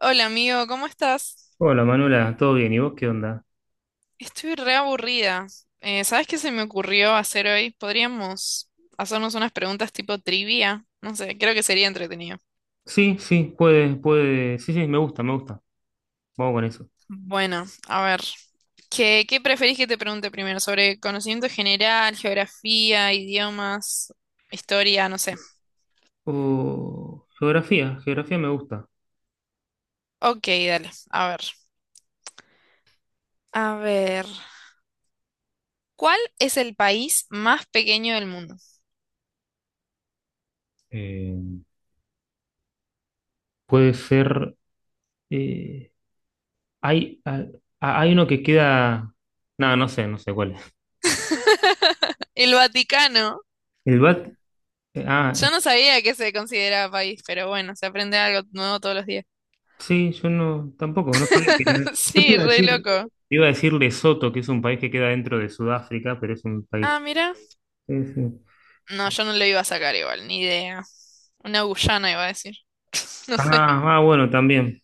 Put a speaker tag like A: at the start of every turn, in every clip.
A: Hola amigo, ¿cómo estás?
B: Hola Manuela, ¿todo bien? ¿Y vos qué onda?
A: Estoy re aburrida. ¿Sabes qué se me ocurrió hacer hoy? Podríamos hacernos unas preguntas tipo trivia. No sé, creo que sería entretenido.
B: Sí, sí, puede, puede. Sí, sí, me gusta, me gusta. Vamos con eso.
A: Bueno, a ver, ¿qué preferís que te pregunte primero? ¿Sobre conocimiento general, geografía, idiomas, historia? No sé.
B: O geografía, geografía me gusta.
A: Ok, dale, a ver. A ver, ¿cuál es el país más pequeño del mundo?
B: Eh, Puede ser. eh, hay, ah, ah, hay uno que queda. No, no sé cuál es.
A: El Vaticano.
B: El BAT. eh, ah, eh,
A: Yo no sabía que se consideraba país, pero bueno, se aprende algo nuevo todos los días.
B: sí, yo no, tampoco, no sabía que era. Yo te
A: Sí,
B: iba a
A: re
B: decir.
A: loco.
B: Te iba a decir Lesoto, que es un país que queda dentro de Sudáfrica, pero es un país.
A: Ah, mira.
B: Sí, sí.
A: No, yo no lo iba a sacar igual, ni idea. Una Guyana iba a decir. No sé,
B: Ah, ah, bueno, también.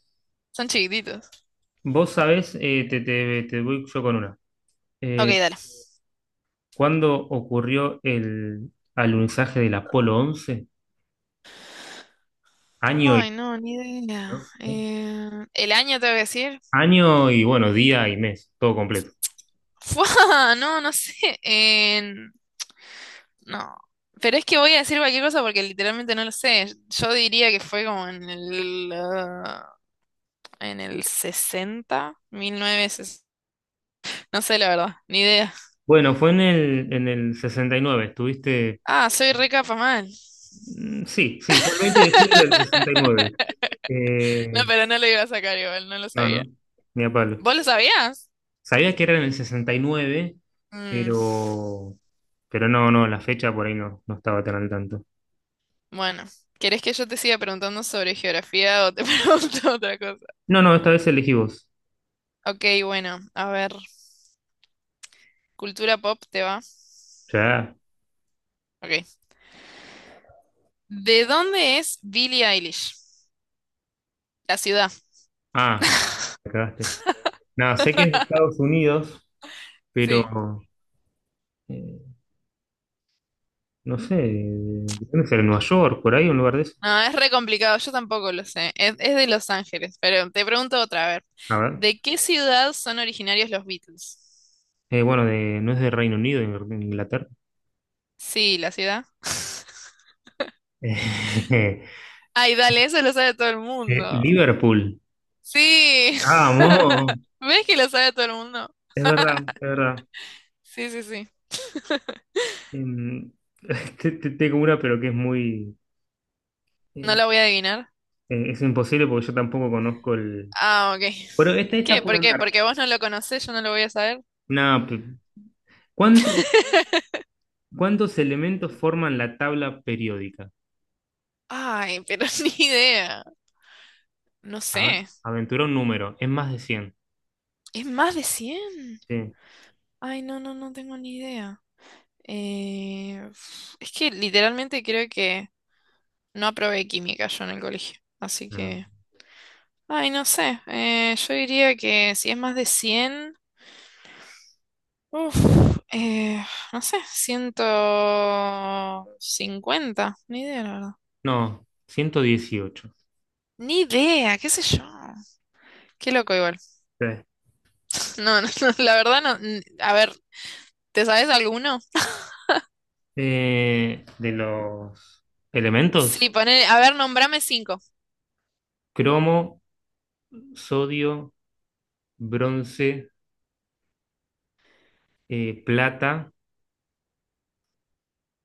A: son chiquititos.
B: Vos sabés, te voy yo con una.
A: Ok,
B: Eh,
A: dale.
B: ¿Cuándo ocurrió el alunizaje del Apolo 11? Año y,
A: Ay, no, ni idea.
B: ¿no?
A: ¿El año tengo que decir?
B: Año y, bueno, día y mes, todo completo.
A: ¡Fua! No, no sé. En- no. Pero es que voy a decir cualquier cosa porque literalmente no lo sé. Yo diría que fue como en el 60. No sé, la verdad, ni idea.
B: Bueno, fue en el 69 estuviste.
A: Ah, soy re capa mal.
B: Mm, sí, sí, fue el 20 de julio del 69.
A: No,
B: Eh,
A: pero no lo iba a sacar igual, no lo
B: no,
A: sabía.
B: no, ni a palo.
A: ¿Vos lo sabías?
B: Sabía que era en el 69,
A: Mm,
B: pero, pero no, no, la fecha por ahí no, no estaba tan al tanto.
A: bueno, ¿querés que yo te siga preguntando sobre geografía o te pregunto otra cosa?
B: No, no, esta vez elegí vos.
A: Ok, bueno, a ver. Cultura pop, ¿te va?
B: Ya.
A: Ok. ¿De dónde es Billie Eilish? La ciudad.
B: Ah, me cagaste. Nada, sé que es de Estados Unidos,
A: Sí.
B: pero eh, no sé, ¿dónde será? ¿Nueva York? ¿Por ahí? ¿Un lugar de eso?
A: No, es re complicado, yo tampoco lo sé. Es de Los Ángeles, pero te pregunto otra, a ver.
B: A ver.
A: ¿De qué ciudad son originarios los Beatles?
B: Bueno, de, no es de Reino Unido, de Inglaterra.
A: Sí, la ciudad. Ay, dale, eso lo sabe todo el mundo.
B: Liverpool.
A: Sí,
B: Vamos,
A: ¿ves que lo sabe todo el mundo?
B: es verdad, es verdad.
A: Sí, sí, sí.
B: Em, tengo una, pero que es muy.
A: No
B: eh,
A: lo voy a adivinar.
B: es imposible porque yo tampoco conozco el.
A: Ah, ok.
B: Bueno, esta
A: ¿Qué?
B: puede
A: ¿Por qué?
B: andar.
A: Porque vos no lo conocés, yo no lo voy a saber.
B: Nada, ¿cuántos, cuántos elementos forman la tabla periódica?
A: Ay, pero ni idea. No
B: A
A: sé.
B: ver, aventura un número, es más de 100.
A: ¿Es más de cien?
B: Sí,
A: Ay, no, no, no tengo ni idea. Uf, es que literalmente creo que no aprobé química yo en el colegio. Así
B: no,
A: que... Ay, no sé. Yo diría que si es más de cien. Uf, eh, no sé, ciento cincuenta, ni idea, la verdad.
B: no, 118.
A: Ni idea, qué sé yo. Qué loco igual.
B: Sí.
A: No, no, no, la verdad no. A ver, ¿te sabes alguno?
B: De los elementos:
A: Sí, poné, a ver, nombrame cinco.
B: cromo, sodio, bronce, plata,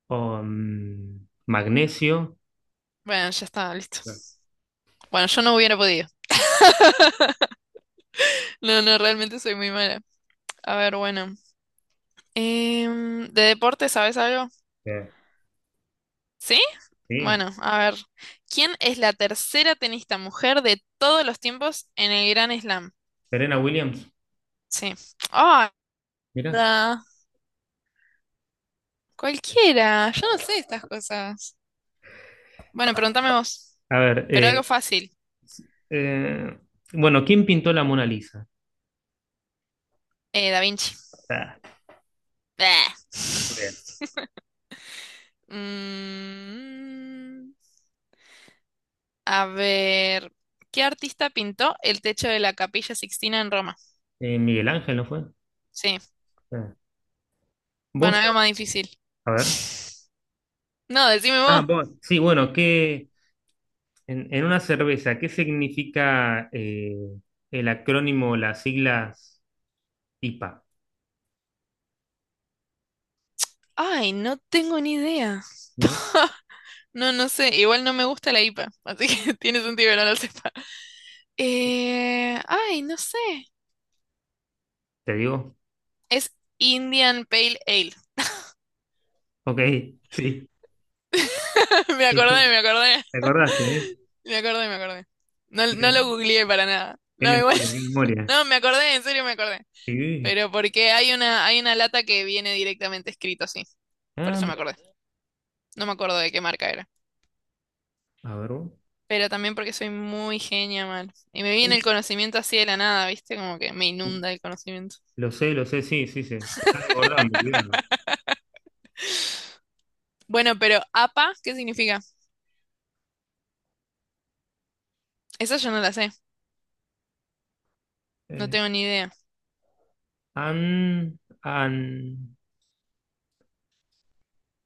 B: magnesio.
A: Bueno, ya está, listo. Bueno, yo no hubiera podido. No, no, realmente soy muy mala. A ver, bueno. ¿De deporte sabes algo?
B: Eh,
A: ¿Sí?
B: Sí,
A: Bueno, a ver. ¿Quién es la tercera tenista mujer de todos los tiempos en el Gran Slam?
B: Serena Williams,
A: Sí.
B: mira.
A: Da, cualquiera, yo no sé estas cosas. Bueno, pregúntame vos,
B: A ver,
A: pero algo fácil.
B: eh, bueno, ¿quién pintó la Mona Lisa?
A: Da Vinci.
B: Ah,
A: Bleh.
B: muy bien.
A: Mm, a ver, ¿qué artista pintó el techo de la Capilla Sixtina en Roma?
B: Miguel Ángel, ¿no fue?
A: Sí,
B: Ah.
A: bueno,
B: ¿Vos?
A: algo más difícil.
B: A ver.
A: No, decime
B: Ah,
A: vos.
B: vos. Sí, bueno, en una cerveza, ¿qué significa el acrónimo, las siglas IPA?
A: Ay, no tengo ni idea.
B: ¿No?
A: No, no sé, igual no me gusta la IPA, así que tiene sentido que no lo sepa. Ay, no sé.
B: ¿Te digo?
A: Es Indian Pale Ale.
B: Ok, sí.
A: Me acordé,
B: ¿Te
A: me acordé.
B: acordaste, eh?
A: Me acordé, me acordé. No,
B: Qué,
A: no lo googleé para nada.
B: qué
A: No, igual.
B: memoria, qué memoria.
A: No, me acordé, en serio me acordé.
B: Sí.
A: Pero porque hay una lata que viene directamente escrito así. Por
B: Ah,
A: eso me
B: mira.
A: acordé. No me acuerdo de qué marca era.
B: A ver, vos.
A: Pero también porque soy muy genia, mal. Y me viene el
B: Sí.
A: conocimiento así de la nada, ¿viste? Como que me inunda el conocimiento.
B: Lo sé, sí, sí, sí. Te estás desbordando, cuidado.
A: Bueno, pero APA, ¿qué significa? Esa yo no la sé. No
B: Eh,
A: tengo ni idea.
B: an, an,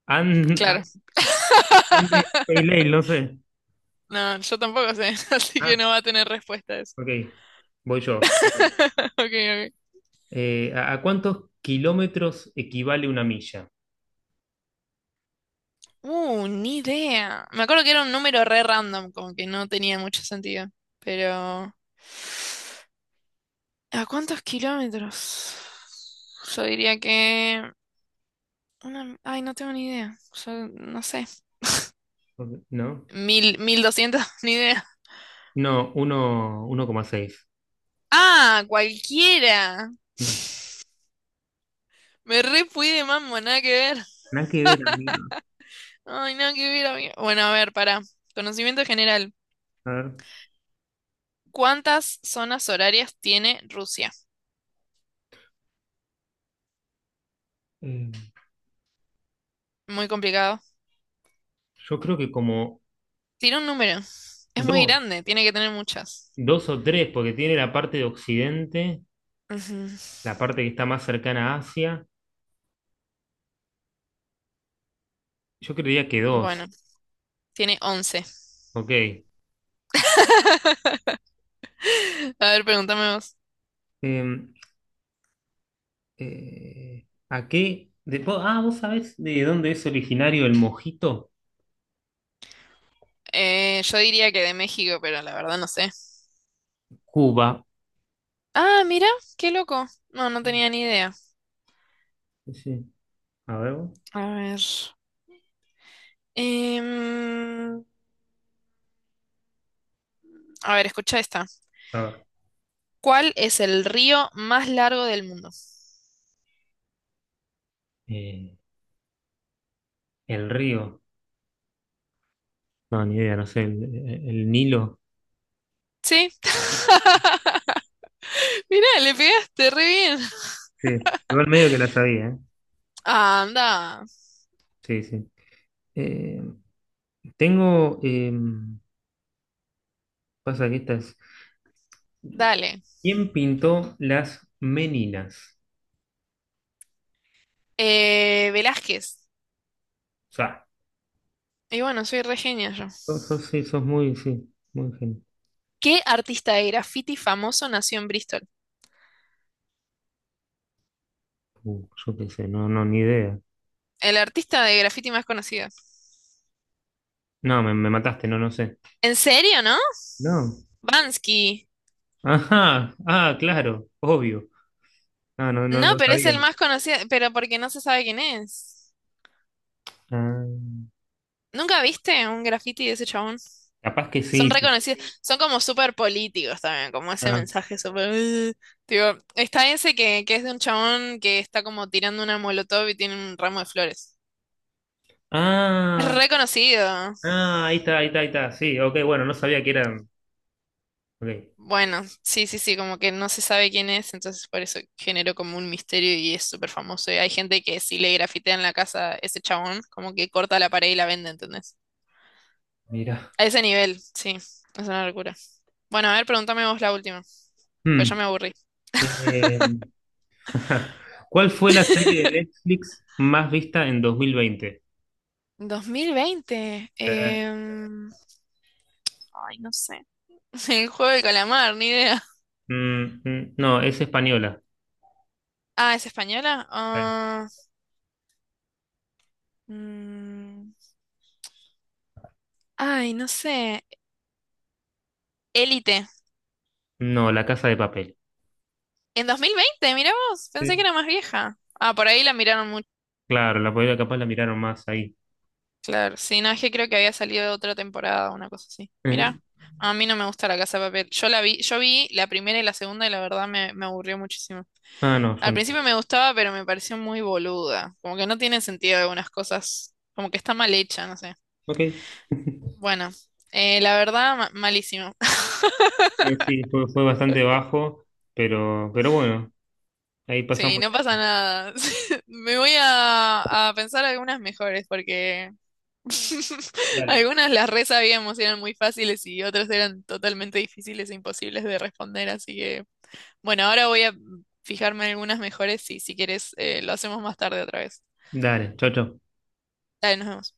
B: an, an-
A: Claro.
B: Andes Pale Ale, no sé.
A: No, yo tampoco sé. Así que
B: Ah,
A: no va a tener respuesta.
B: ok. Voy yo. Digo una.
A: Ok, ok.
B: ¿A cuántos kilómetros equivale una milla?
A: Ni idea. Me acuerdo que era un número re random, como que no tenía mucho sentido. Pero... ¿A cuántos kilómetros? Yo diría que... Una... Ay, no tengo ni idea. Yo no sé.
B: Ok. ¿No?
A: Mil, mil doscientos, ni idea.
B: No, 1,6.
A: Ah, cualquiera.
B: Mm.
A: Me re fui de mambo, nada que ver.
B: Nada que ver, amigo.
A: Ay, nada que ver, amigo. Bueno, a ver, para conocimiento general.
B: A ver.
A: ¿Cuántas zonas horarias tiene Rusia?
B: eh,
A: Muy complicado.
B: yo creo que como
A: Tira un número. Es muy
B: dos,
A: grande, tiene que tener muchas.
B: dos o tres, porque tiene la parte de Occidente,
A: Ujú.
B: la parte que está más cercana a Asia. Yo creería que dos.
A: Bueno, tiene 11.
B: Ok.
A: A ver, pregúntame vos.
B: Eh, ¿A qué? ¿Vos sabés de dónde es originario el mojito?
A: Yo diría que de México, pero la verdad no sé.
B: Cuba.
A: Ah, mira, qué loco. No, no
B: Sí,
A: tenía ni idea.
B: sí. A ver, vos.
A: A ver. Em, a ver, escucha esta.
B: A ver.
A: ¿Cuál es el río más largo del mundo?
B: Eh, el río. No, ni idea, no sé. El Nilo.
A: Sí. Mira, le pegaste re bien.
B: Sí, igual medio que la sabía, ¿eh?
A: Anda,
B: Sí, sí. Eh, Tengo, pasa que estas.
A: dale.
B: ¿Quién pintó las Meninas?
A: Velázquez.
B: O sea,
A: Y bueno, soy re genia yo.
B: sí, sos muy, sí, muy gen.
A: ¿Qué artista de graffiti famoso nació en Bristol?
B: Yo qué sé, no, no, ni idea.
A: El artista de graffiti más conocido.
B: No, me mataste, no, no sé.
A: ¿En serio, no?
B: No.
A: Bansky.
B: Ajá, ah, claro, obvio. Ah, no, no,
A: No,
B: no
A: pero es
B: sabía.
A: el más conocido, pero porque no se sabe quién es.
B: Ah,
A: ¿Nunca viste un graffiti de ese chabón?
B: capaz que
A: Son
B: sí.
A: reconocidos, son como súper políticos también, como ese
B: Ah,
A: mensaje súper... "Ugh". Tipo, está ese que es de un chabón que está como tirando una molotov y tiene un ramo de flores. Es
B: ah,
A: reconocido.
B: ah, ahí está, ahí está, ahí está. Sí, ok, bueno, no sabía que eran. Ok,
A: Bueno, sí, sí, sí, como que no se sabe quién es, entonces por eso generó como un misterio y es súper famoso. Y hay gente que si le grafitean la casa a ese chabón, como que corta la pared y la vende, ¿entendés?
B: mira.
A: A ese nivel, sí, es una locura. Bueno, a ver, pregúntame vos la última, pues ya
B: Hmm.
A: me aburrí.
B: Eh, ¿Cuál fue la serie de Netflix más vista en 2020?
A: 2020,
B: Eh,
A: ay, no sé. El juego de calamar, ni idea.
B: no, es española.
A: Ah, ¿es española?
B: Eh,
A: Ah, mm, ay, no sé. Élite.
B: No, La Casa de Papel.
A: En 2020, mira vos, pensé que
B: Sí.
A: era más vieja. Ah, por ahí la miraron.
B: Claro, la podría capaz la miraron más ahí.
A: Claro, sí, no, es que creo que había salido otra temporada, una cosa así.
B: Eh,
A: Mira, a mí no me gusta La Casa de Papel. Yo la vi, yo vi la primera y la segunda y la verdad me aburrió muchísimo.
B: Ah, no, yo
A: Al
B: no.
A: principio me gustaba, pero me pareció muy boluda. Como que no tiene sentido algunas cosas, como que está mal hecha, no sé.
B: Ok.
A: Bueno, la verdad, malísimo.
B: Sí, fue bastante bajo, pero bueno, ahí
A: Sí,
B: pasamos.
A: no pasa nada. Me voy a pensar algunas mejores porque
B: Dale.
A: algunas las re sabíamos y eran muy fáciles y otras eran totalmente difíciles e imposibles de responder, así que bueno, ahora voy a fijarme en algunas mejores y si quieres lo hacemos más tarde otra vez.
B: Dale, chau, chau.
A: Dale, nos vemos.